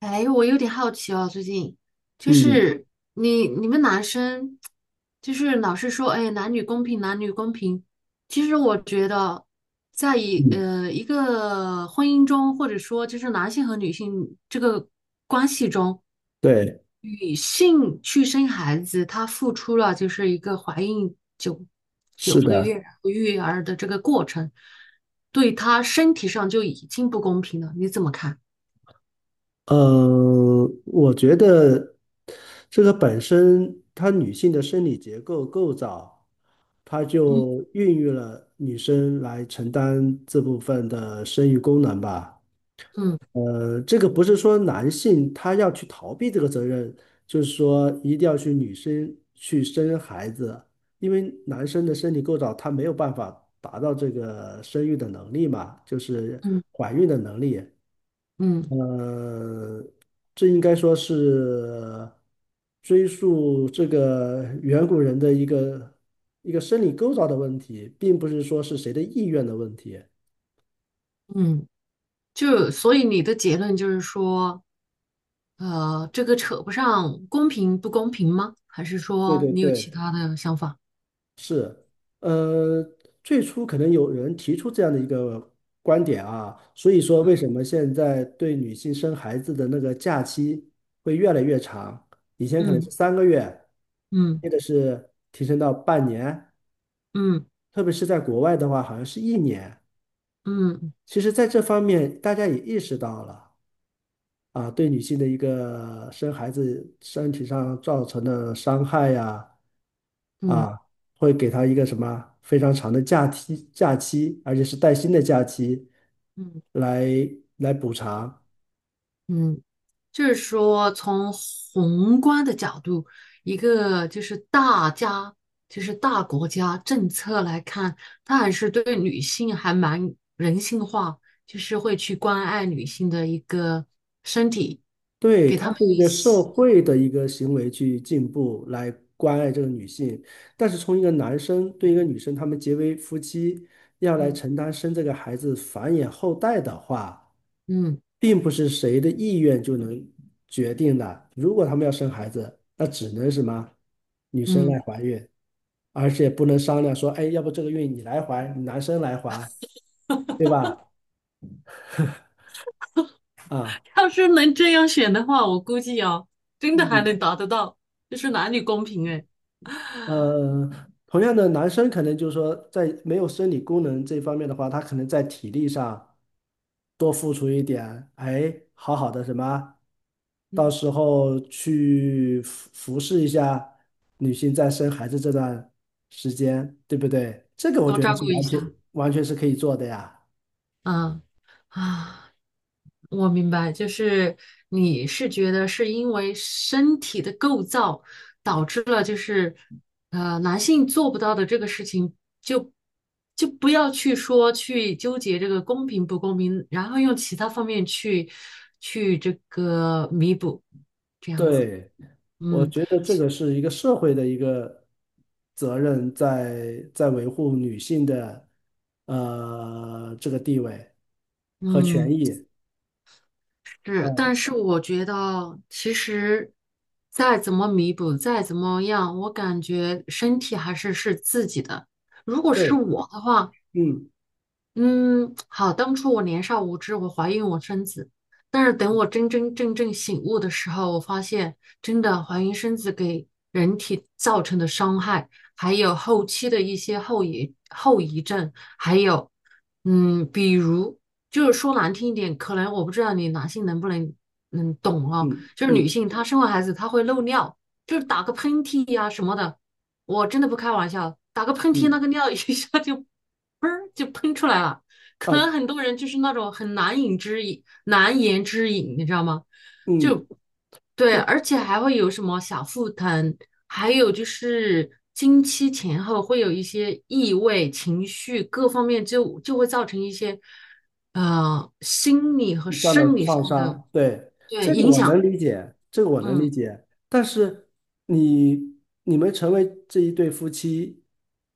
哎，我有点好奇哦，最近就嗯是你们男生就是老是说，哎，男女公平，男女公平。其实我觉得，在嗯，一个婚姻中，或者说就是男性和女性这个关系中，对，女性去生孩子，她付出了就是一个怀孕九是个月的，然后育儿的这个过程，对她身体上就已经不公平了。你怎么看？我觉得这个本身它女性的生理结构构造，它嗯就孕育了女生来承担这部分的生育功能吧。嗯这个不是说男性他要去逃避这个责任，就是说一定要去女生去生孩子，因为男生的生理构造他没有办法达到这个生育的能力嘛，就是嗯。怀孕的能力。嗯呃，这应该说是追溯这个远古人的一个生理构造的问题，并不是说是谁的意愿的问题。嗯，就所以你的结论就是说，这个扯不上公平不公平吗？还是对说对你有其对，他的想法？呃，最初可能有人提出这样的一个观点啊，所以说为什么现在对女性生孩子的那个假期会越来越长？以前可能是嗯3个月，嗯现在是提升到半年，嗯特别是在国外的话，好像是1年。嗯嗯其实，在这方面，大家也意识到了啊，对女性的一个生孩子身体上造成的伤害呀，嗯啊，会给她一个什么非常长的假期，假期，而且是带薪的假期，嗯，来来补偿。嗯就是说从宏观的角度，一个就是大家就是大国家政策来看，它还是对女性还蛮人性化，就是会去关爱女性的一个身体，对，给她它们是一一个社些。会的一个行为去进步，来关爱这个女性。但是从一个男生对一个女生，他们结为夫妻，要来嗯。承担生这个孩子繁衍后代的话。嗯并不是谁的意愿就能决定的。如果他们要生孩子，那只能什么？女生来嗯，怀孕，而且不能商量说，哎，要不这个孕你来怀，男生来怀，对吧？啊，要是能这样选的话，我估计啊，真的还嗯，能达得到，就是男女公平哎，呃，同样的，男生可能就是说，在没有生理功能这方面的话，他可能在体力上多付出一点，哎，好好的什么？到嗯，时候去服服侍一下女性在生孩子这段时间，对不对？这个我多觉得照是顾一完下，全完全是可以做的呀。嗯啊，我明白，就是你是觉得是因为身体的构造导致了，就是男性做不到的这个事情就，就不要去说去纠结这个公平不公平，然后用其他方面去这个弥补，这样子，对，我嗯觉得这个是一个社会的一个责任在，在维护女性的这个地位和权嗯。益。是，但嗯，是我觉得其实再怎么弥补，再怎么样，我感觉身体还是是自己的。如果是对，我的话，嗯嗯，好，当初我年少无知，我怀孕我生子，但是等我真真正正醒悟的时候，我发现真的怀孕生子给人体造成的伤害，还有后期的一些后遗症，还有比如就是说难听一点，可能我不知道你男性能不能懂啊，嗯就是女嗯性她生完孩子她会漏尿，就是打个喷嚏呀、什么的，我真的不开玩笑，打个喷嚏，那嗯个尿 一下就喷儿就喷出来了。可能啊很多人就是那种很难饮之饮，难言之隐，你知道吗？嗯。就对，对。而且还会有什么小腹疼，还有就是经期前后会有一些异味、情绪各方面就会造成一些心理和以上的生理创上的伤，对，对这个影我响。能理解，这个我能理嗯，解。但是你们成为这一对夫妻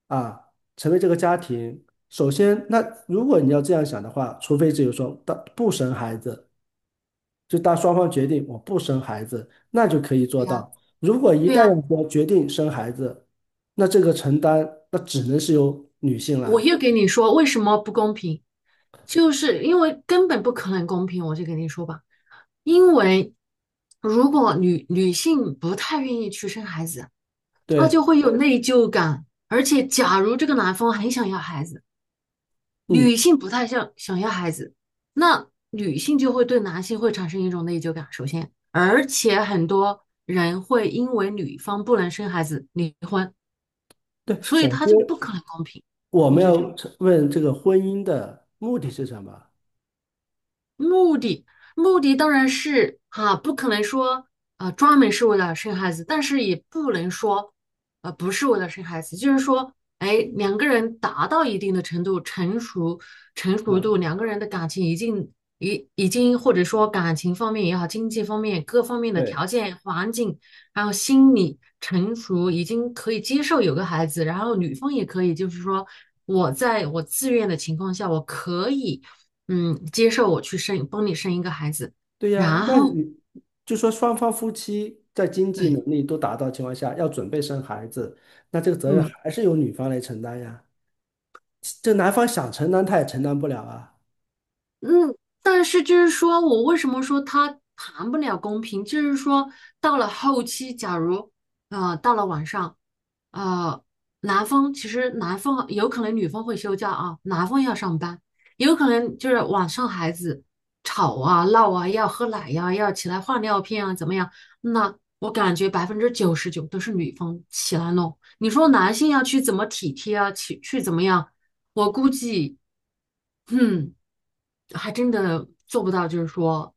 啊，成为这个家庭，首先，那如果你要这样想的话，除非只有说当不生孩子，就当双方决定我不生孩子，那就可以对做呀，到。如果一对旦呀。要说决定生孩子，那这个承担那只能是由女性我来。又给你说为什么不公平，就是因为根本不可能公平，我就给你说吧，因为如果女性不太愿意去生孩子，她就对，会有内疚感，而且假如这个男方很想要孩子，嗯，女性不太想要孩子，那女性就会对男性会产生一种内疚感，首先，而且很多人会因为女方不能生孩子离婚，对，所以首他先。就不可能公平，我我们就要觉得。问这个婚姻的目的是什么？目的目的当然是哈、不可能说啊专门是为了生孩子，但是也不能说不是为了生孩子，就是说，哎，两个人达到一定的程度，成熟嗯，度，两个人的感情已经或者说感情方面也好，经济方面各方面的对，条件、环境，还有心理成熟，已经可以接受有个孩子，然后女方也可以，就是说我在我自愿的情况下，我可以。嗯，接受我去生，帮你生一个孩子，对呀，然那后，你就说双方夫妻在经济能对，力都达到情况下，要准备生孩子，那这个责任嗯，还是由女方来承担呀。这男方想承担，他也承担不了啊。嗯，但是就是说我为什么说他谈不了公平，就是说到了后期，假如到了晚上，呃其实男方有可能女方会休假啊，男方要上班，有可能就是晚上孩子吵啊闹啊，要喝奶呀、要起来换尿片啊，怎么样？那我感觉99%都是女方起来弄，你说男性要去怎么体贴啊，去怎么样？我估计，嗯。还真的做不到，就是说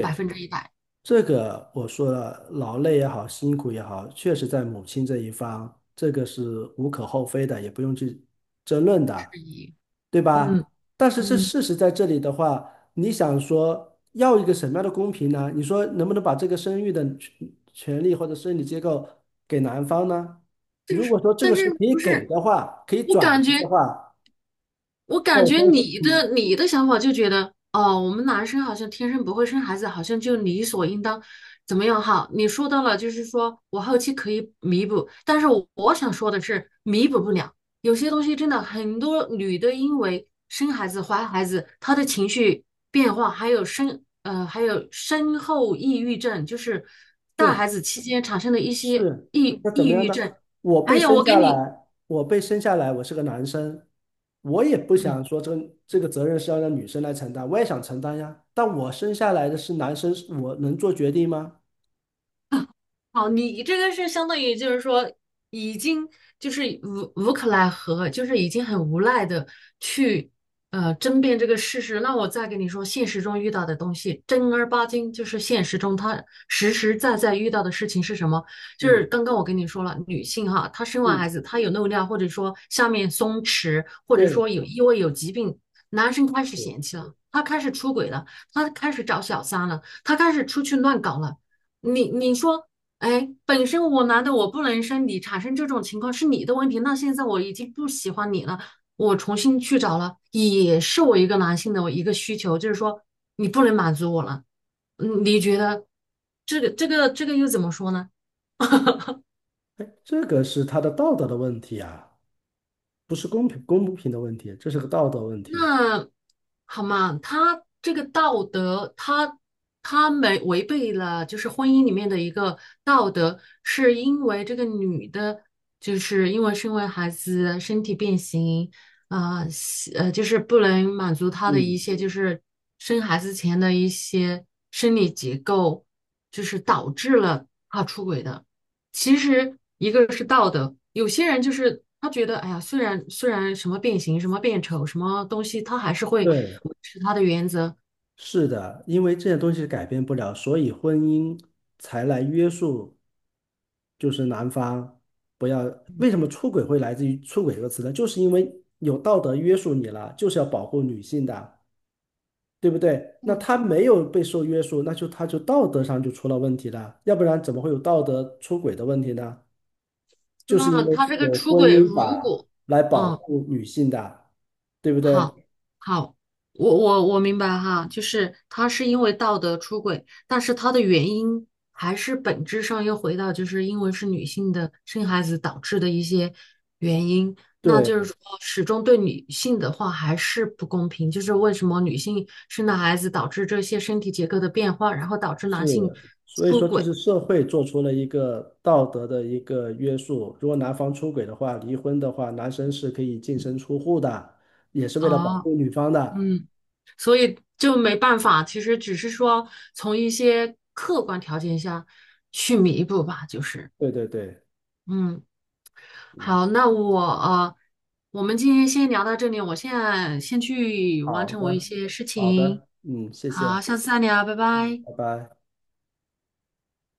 百分之一百。这个我说了，劳累也好，辛苦也好，确实在母亲这一方，这个是无可厚非的，也不用去争论的，对嗯吧？但是这嗯，事实在这里的话，你想说要一个什么样的公平呢？你说能不能把这个生育的权利或者生理结构给男方呢？如果说这但个是是可以不给是，的话，可以我转感觉。移的话，我那感我觉说，嗯，你的想法就觉得，哦，我们男生好像天生不会生孩子，好像就理所应当，怎么样哈？你说到了，就是说我后期可以弥补，但是我想说的是，弥补不了，有些东西真的很多女的因为生孩子、怀孩子，她的情绪变化，还有身后抑郁症，就是带对。孩子期间产生的一些是，那怎抑么样郁呢？症，我还被有生我给下你。来，我被生下来，我是个男生，我也不想嗯。说这个责任是要让女生来承担，我也想承担呀。但我生下来的是男生，我能做决定吗？哦，你这个是相当于就是说，已经就是无可奈何，就是已经很无奈的去争辩这个事实。那我再跟你说，现实中遇到的东西，正儿八经就是现实中他实实在在遇到的事情是什么？就嗯是刚刚我跟你说了，女性哈，她生完嗯，孩子，她有漏尿，或者说下面松弛，或者说对，有因为有疾病，男生开始是，嫌弃了，他开始出轨了，他开始找小三了，他开始出去乱搞了。你说哎，本身我男的我不能生你，产生这种情况是你的问题。那现在我已经不喜欢你了，我重新去找了，也是我一个男性的我一个需求，就是说你不能满足我了。嗯，你觉得这个又怎么说呢？哎，这个是他的道德的问题啊，不是公平公不平的问题，这是个道德问题。那好嘛，他这个道德，他没违背了，就是婚姻里面的一个道德，是因为这个女的，就是因为生完孩子身体变形，啊、就是不能满足他的一嗯，些就是生孩子前的一些生理结构，就是导致了她出轨的。其实一个是道德，有些人就是他觉得，哎呀，虽然什么变形、什么变丑、什么东西，他还是会对，维持他的原则。是的，因为这些东西改变不了，所以婚姻才来约束。就是男方不要，为什么出轨会来自于出轨这个词呢？就是因为有道德约束你了，就是要保护女性的，对不对？那嗯，他没有被受约束，那就他就道德上就出了问题了，要不然怎么会有道德出轨的问题呢？就是因那为他这个有出婚轨，姻如法果，来保嗯，护女性的，对不好，对？好，我明白哈，就是他是因为道德出轨，但是他的原因还是本质上又回到就是因为是女性的生孩子导致的一些原因，那就是对，说始终对女性的话还是不公平，就是为什么女性生了孩子导致这些身体结构的变化，然后导致是，男性所以出说这轨是社会做出了一个道德的一个约束。如果男方出轨的话，离婚的话，男生是可以净身出户的，也是为了保啊，护女方的。嗯。所以就没办法，其实只是说从一些客观条件下去弥补吧，就是，对对对，嗯，嗯，好，那我我们今天先聊到这里，我现在先去完好成我一的，些事好情，的，嗯，谢好，谢，下次再聊，拜嗯，拜。拜拜。